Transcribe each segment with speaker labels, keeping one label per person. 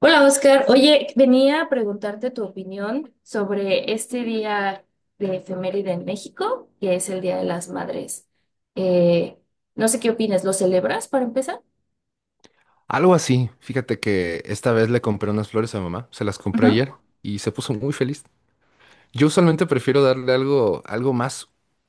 Speaker 1: Hola Oscar, oye, venía a preguntarte tu opinión sobre este día de efeméride en México, que es el Día de las Madres. Eh, no sé qué opinas, ¿lo celebras para empezar?
Speaker 2: Algo así. Fíjate que esta vez le compré unas flores a mamá, se las compré ayer y se puso muy feliz. Yo usualmente prefiero darle algo más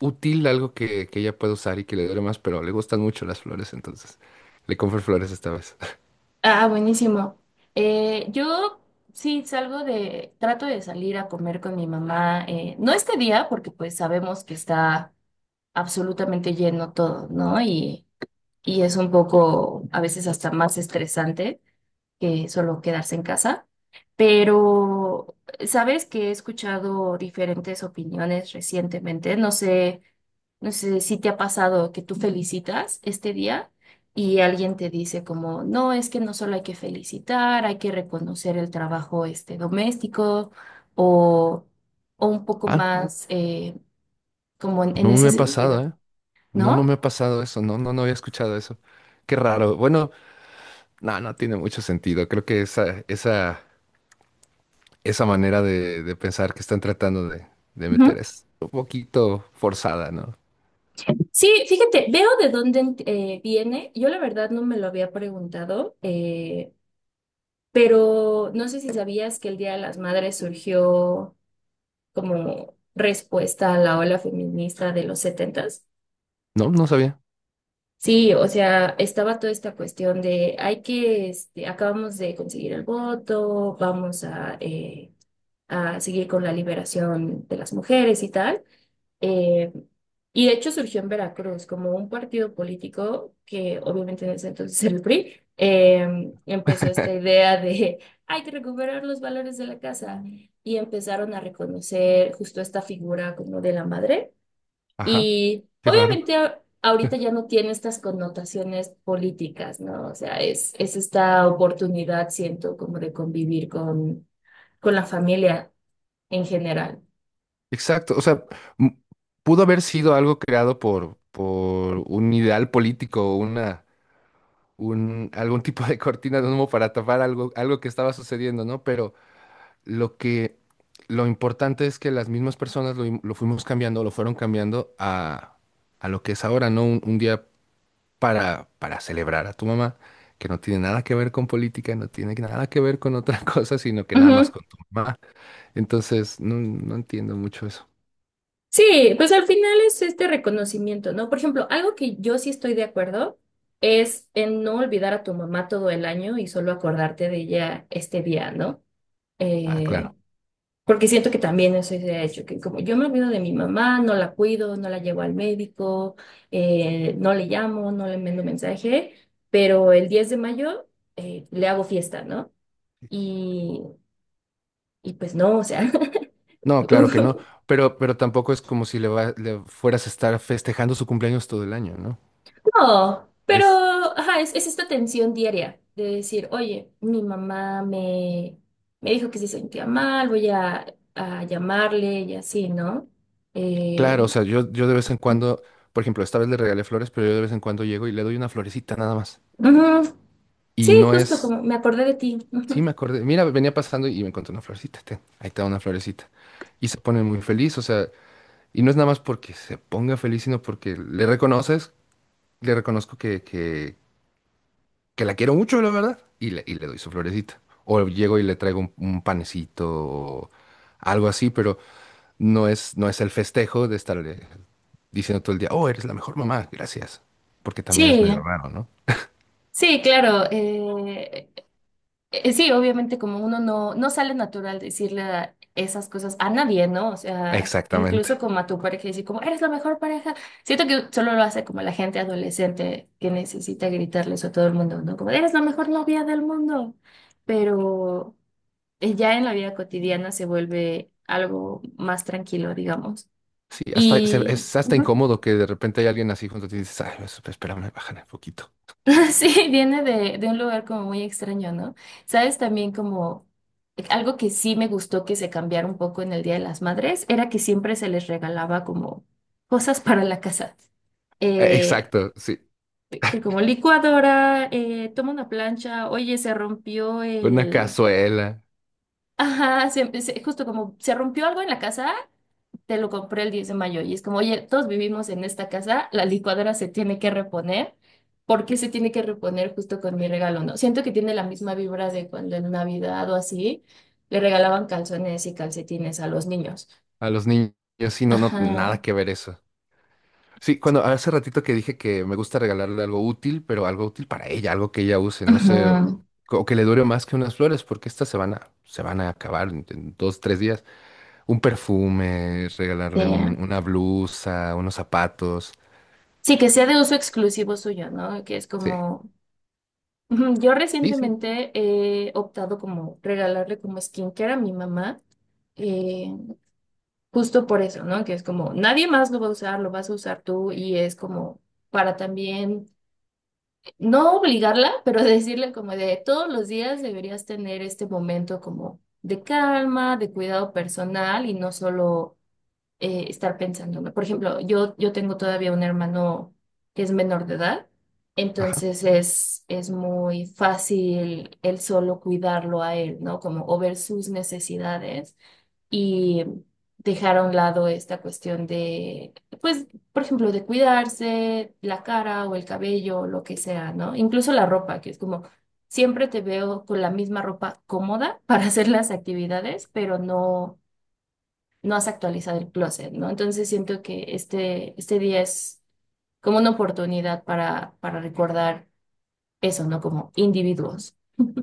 Speaker 2: útil, algo que ella pueda usar y que le dure más, pero le gustan mucho las flores, entonces le compré flores esta vez.
Speaker 1: Ah, buenísimo. Yo sí trato de salir a comer con mi mamá, no este día, porque pues sabemos que está absolutamente lleno todo, ¿no? Y es un poco a veces hasta más estresante que solo quedarse en casa. Pero sabes que he escuchado diferentes opiniones recientemente. No sé si te ha pasado que tú felicitas este día y alguien te dice como, no, es que no solo hay que felicitar, hay que reconocer el trabajo este doméstico, o, o un poco
Speaker 2: Ah,
Speaker 1: más, como en
Speaker 2: no me
Speaker 1: ese
Speaker 2: ha
Speaker 1: sentido,
Speaker 2: pasado, ¿eh? No, no
Speaker 1: ¿no?
Speaker 2: me ha pasado eso, no, no, no había escuchado eso. Qué raro. Bueno, no, no tiene mucho sentido. Creo que esa manera de pensar que están tratando de meter
Speaker 1: Ujú.
Speaker 2: es un poquito forzada, ¿no?
Speaker 1: Sí, fíjate, veo de dónde viene. Yo la verdad no me lo había preguntado, pero no sé si sabías que el Día de las Madres surgió como respuesta a la ola feminista de los setentas.
Speaker 2: No, no sabía.
Speaker 1: Sí, o sea, estaba toda esta cuestión de hay que, acabamos de conseguir el voto, vamos a seguir con la liberación de las mujeres y tal. Eh, y de hecho surgió en Veracruz como un partido político que obviamente en ese entonces era el PRI. Empezó esta idea de hay que recuperar los valores de la casa y empezaron a reconocer justo esta figura como de la madre.
Speaker 2: Ajá,
Speaker 1: Y
Speaker 2: qué raro.
Speaker 1: obviamente ahorita ya no tiene estas connotaciones políticas, ¿no? O sea, es esta oportunidad, siento, como de convivir con la familia en general.
Speaker 2: Exacto, o sea, m- pudo haber sido algo creado por un ideal político, algún tipo de cortina de humo para tapar algo que estaba sucediendo, ¿no? Pero lo que, lo importante es que las mismas personas lo fuimos cambiando, lo fueron cambiando a lo que es ahora, ¿no? Un día para celebrar a tu mamá, que no tiene nada que ver con política, no tiene nada que ver con otra cosa, sino que nada más con tu mamá. Entonces, no, no entiendo mucho eso.
Speaker 1: Sí, pues al final es este reconocimiento, ¿no? Por ejemplo, algo que yo sí estoy de acuerdo es en no olvidar a tu mamá todo el año y solo acordarte de ella este día, ¿no?
Speaker 2: Ah,
Speaker 1: Eh,
Speaker 2: claro.
Speaker 1: Porque siento que también eso se ha hecho, que como yo me olvido de mi mamá, no la cuido, no la llevo al médico, no le llamo, no le mando mensaje, pero el 10 de mayo le hago fiesta, ¿no? Y, y pues no, o sea.
Speaker 2: No, claro que no. Pero tampoco es como si le fueras a estar festejando su cumpleaños todo el año, ¿no?
Speaker 1: No, pero
Speaker 2: Es
Speaker 1: ajá, es esta tensión diaria de decir, oye, mi mamá me dijo que se sentía mal, voy a llamarle y así, ¿no? Eh,
Speaker 2: claro, o sea, yo de vez en cuando, por ejemplo, esta vez le regalé flores, pero yo de vez en cuando llego y le doy una florecita nada más.
Speaker 1: ujú. Sí,
Speaker 2: Y no
Speaker 1: justo
Speaker 2: es,
Speaker 1: como me acordé de ti.
Speaker 2: sí me acordé, mira, venía pasando y me encontré una florecita, ten, ahí está una florecita. Y se pone muy feliz, o sea, y no es nada más porque se ponga feliz, sino porque le reconoces, le reconozco que la quiero mucho, la verdad, y le doy su florecita. O llego y le traigo un panecito o algo así, pero no es, no es el festejo de estarle diciendo todo el día, oh, eres la mejor mamá, gracias. Porque también es medio
Speaker 1: Sí,
Speaker 2: raro, ¿no?
Speaker 1: sí, claro. Sí, obviamente como uno no sale natural decirle esas cosas a nadie, ¿no? O sea, incluso
Speaker 2: Exactamente.
Speaker 1: como a tu pareja decir como, eres la mejor pareja. Siento que solo lo hace como la gente adolescente que necesita gritarles a todo el mundo, ¿no? Como, eres la mejor novia del mundo. Pero ya en la vida cotidiana se vuelve algo más tranquilo, digamos.
Speaker 2: Sí, es hasta
Speaker 1: Ujú.
Speaker 2: incómodo que de repente hay alguien así junto a ti y dices, ay, pues, espérame, bájale un poquito.
Speaker 1: Sí, viene de un lugar como muy extraño, ¿no? Sabes, también como algo que sí me gustó que se cambiara un poco en el Día de las Madres era que siempre se les regalaba como cosas para la casa. Eh,
Speaker 2: Exacto, sí.
Speaker 1: que como licuadora, toma una plancha, oye, se rompió
Speaker 2: Una
Speaker 1: el...
Speaker 2: cazuela.
Speaker 1: Ajá, justo como se rompió algo en la casa te lo compré el 10 de mayo y es como, oye, todos vivimos en esta casa, la licuadora se tiene que reponer. ¿Por qué se tiene que reponer justo con mi regalo? No, siento que tiene la misma vibra de cuando en Navidad o así le regalaban calzones y calcetines a los niños.
Speaker 2: A los niños, sí, no, no, nada
Speaker 1: Ajá,
Speaker 2: que ver eso. Sí, cuando hace ratito que dije que me gusta regalarle algo útil, pero algo útil para ella, algo que ella use, no sé, o
Speaker 1: ajá.
Speaker 2: o que le dure más que unas flores, porque estas se van a acabar en dos, tres días. Un perfume, regalarle
Speaker 1: eh,
Speaker 2: un- una blusa, unos zapatos.
Speaker 1: Sí, que sea de uso exclusivo suyo, ¿no? Que es
Speaker 2: Sí,
Speaker 1: como, ujú, yo
Speaker 2: sí, sí.
Speaker 1: recientemente he optado como regalarle como skincare a mi mamá. Eh, Justo por eso, ¿no? Que es como nadie más lo va a usar, lo vas a usar tú y es como para también no obligarla, pero decirle como de todos los días deberías tener este momento como de calma, de cuidado personal y no solo estar pensando, ¿no? Por ejemplo, yo tengo todavía un hermano que es menor de edad,
Speaker 2: Ajá.
Speaker 1: entonces es muy fácil el solo cuidarlo a él, ¿no? Como o ver sus necesidades y dejar a un lado esta cuestión de, pues, por ejemplo, de cuidarse la cara o el cabello, o lo que sea, ¿no? Incluso la ropa, que es como siempre te veo con la misma ropa cómoda para hacer las actividades, pero no, no has actualizado el closet, ¿no? Entonces siento que este día es como una oportunidad para recordar eso, ¿no? Como individuos.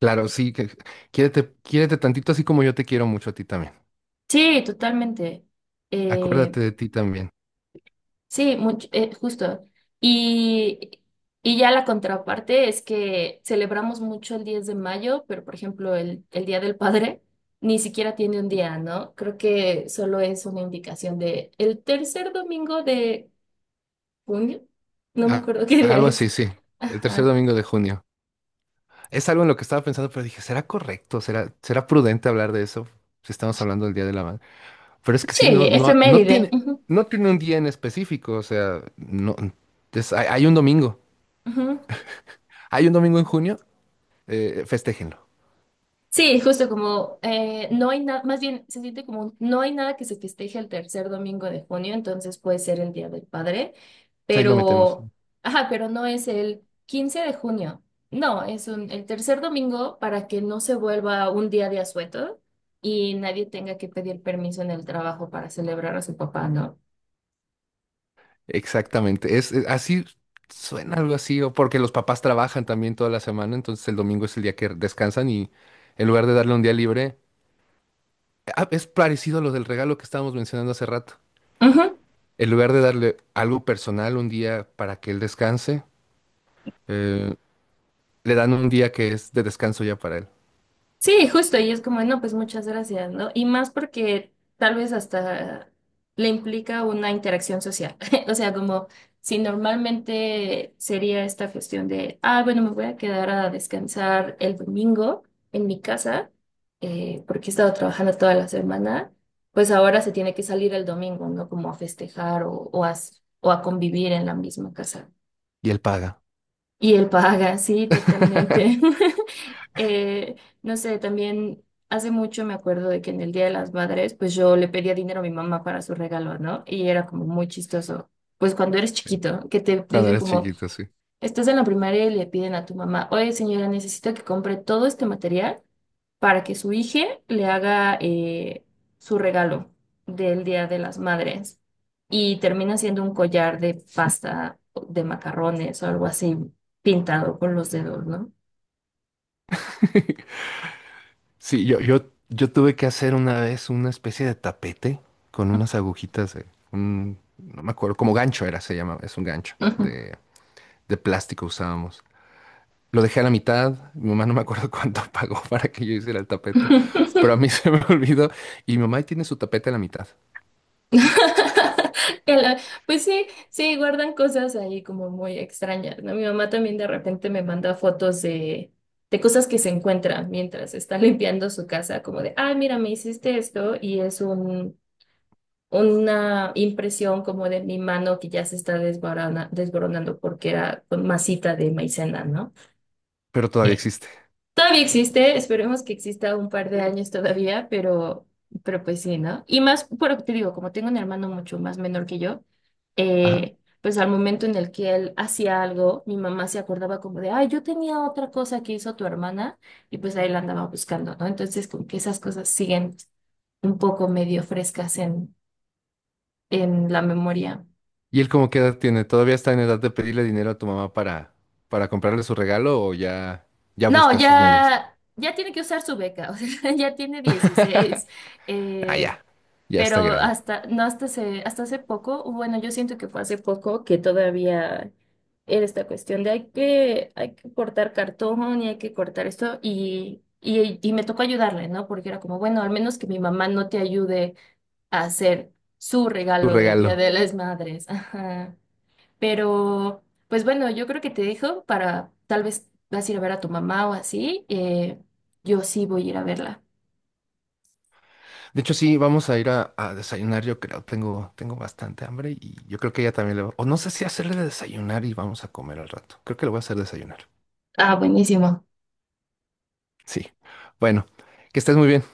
Speaker 2: Claro, sí, quiérete, quiérete tantito así como yo te quiero mucho a ti también.
Speaker 1: Sí, totalmente. Eh,
Speaker 2: Acuérdate de ti también.
Speaker 1: Sí, mucho, justo. Y, y ya la contraparte es que celebramos mucho el 10 de mayo, pero por ejemplo el Día del Padre ni siquiera tiene un día, ¿no? Creo que solo es una indicación de el tercer domingo de junio. No me
Speaker 2: Ah,
Speaker 1: acuerdo qué día
Speaker 2: algo
Speaker 1: es.
Speaker 2: así, sí. El tercer
Speaker 1: Ajá.
Speaker 2: domingo de junio. Es algo en lo que estaba pensando, pero dije, ¿será correcto? ¿Será prudente hablar de eso? Si estamos hablando del Día de la Madre. Pero es que sí, no,
Speaker 1: Sí,
Speaker 2: no, no
Speaker 1: efeméride.
Speaker 2: tiene,
Speaker 1: Ujú,
Speaker 2: no tiene un día en específico. O sea, no, hay un domingo.
Speaker 1: ujú.
Speaker 2: Hay un domingo en junio, festéjenlo.
Speaker 1: Sí, justo como no hay nada, más bien se siente como no hay nada que se festeje el tercer domingo de junio, entonces puede ser el Día del Padre,
Speaker 2: O sea, ahí lo metemos.
Speaker 1: pero ajá, pero no es el 15 de junio, no, es el tercer domingo para que no se vuelva un día de asueto y nadie tenga que pedir permiso en el trabajo para celebrar a su papá, ¿no?
Speaker 2: Exactamente. Así suena algo así, o porque los papás trabajan también toda la semana, entonces el domingo es el día que descansan y en lugar de darle un día libre, ah, es parecido a lo del regalo que estábamos mencionando hace rato.
Speaker 1: Ujú.
Speaker 2: En lugar de darle algo personal un día para que él descanse, eh, le dan un día que es de descanso ya para él.
Speaker 1: Sí, justo, y es como, no, pues muchas gracias, ¿no? Y más porque tal vez hasta le implica una interacción social. O sea, como si normalmente sería esta cuestión de, ah, bueno, me voy a quedar a descansar el domingo en mi casa, porque he estado trabajando toda la semana, pues ahora se tiene que salir el domingo, ¿no? Como a festejar o a convivir en la misma casa.
Speaker 2: Y él paga.
Speaker 1: Y él paga, sí, totalmente. Eh, no sé, también hace mucho me acuerdo de que en el Día de las Madres, pues yo le pedía dinero a mi mamá para su regalo, ¿no? Y era como muy chistoso. Pues cuando eres chiquito, que te
Speaker 2: Cuando
Speaker 1: dicen
Speaker 2: eres
Speaker 1: como,
Speaker 2: chiquito, sí.
Speaker 1: estás en la primaria y le piden a tu mamá, oye señora, necesito que compre todo este material para que su hija le haga su regalo del Día de las Madres. Y termina siendo un collar de pasta, de macarrones o algo así, pintado con los dedos, ¿no?
Speaker 2: Sí, yo tuve que hacer una vez una especie de tapete con unas agujitas de no me acuerdo, como gancho era, se llama, es un gancho
Speaker 1: Ujú.
Speaker 2: de plástico usábamos. Lo dejé a la mitad, mi mamá no me acuerdo cuánto pagó para que yo hiciera el tapete, pero a mí se me olvidó y mi mamá ahí tiene su tapete a la mitad,
Speaker 1: Que la- Pues sí, sí, guardan cosas ahí como muy extrañas, ¿no? Mi mamá también de repente me manda fotos de cosas que se encuentran mientras está limpiando su casa, como de, ah, mira, me hiciste esto y es un, una impresión como de mi mano que ya se está desboronando porque era con masita de maicena, ¿no?
Speaker 2: pero todavía existe.
Speaker 1: Todavía existe, esperemos que exista un par de años todavía, pero pues sí, ¿no? Y más, pero te digo, como tengo un hermano mucho más menor que yo,
Speaker 2: Ajá.
Speaker 1: pues al momento en el que él hacía algo, mi mamá se acordaba como de, ay, yo tenía otra cosa que hizo tu hermana, y pues ahí la andaba buscando, ¿no? Entonces, como que esas cosas siguen un poco medio frescas en la memoria.
Speaker 2: ¿Y él como qué edad tiene? ¿Todavía está en edad de pedirle dinero a tu mamá para comprarle su regalo o ya
Speaker 1: No,
Speaker 2: busca sus medios?
Speaker 1: ya tiene que usar su beca, o sea, ya tiene 16.
Speaker 2: Ah,
Speaker 1: eh,
Speaker 2: ya. Ya está
Speaker 1: Pero
Speaker 2: grande.
Speaker 1: hasta, no, hasta hace poco, bueno, yo siento que fue hace poco que todavía era esta cuestión de hay que cortar cartón y hay que cortar esto y me tocó ayudarle, ¿no? Porque era como, bueno, al menos que mi mamá no te ayude a hacer su
Speaker 2: Tu
Speaker 1: regalo del Día
Speaker 2: regalo.
Speaker 1: de las Madres. Ajá. Pero pues bueno, yo creo que te dejo para, tal vez vas a ir a ver a tu mamá o así. Yo sí voy a ir a verla.
Speaker 2: De hecho, sí, vamos a ir a desayunar, yo creo. Tengo bastante hambre y yo creo que ella también le va. O no sé si hacerle de desayunar y vamos a comer al rato. Creo que le voy a hacer desayunar.
Speaker 1: Ah, buenísimo.
Speaker 2: Sí. Bueno, que estés muy bien.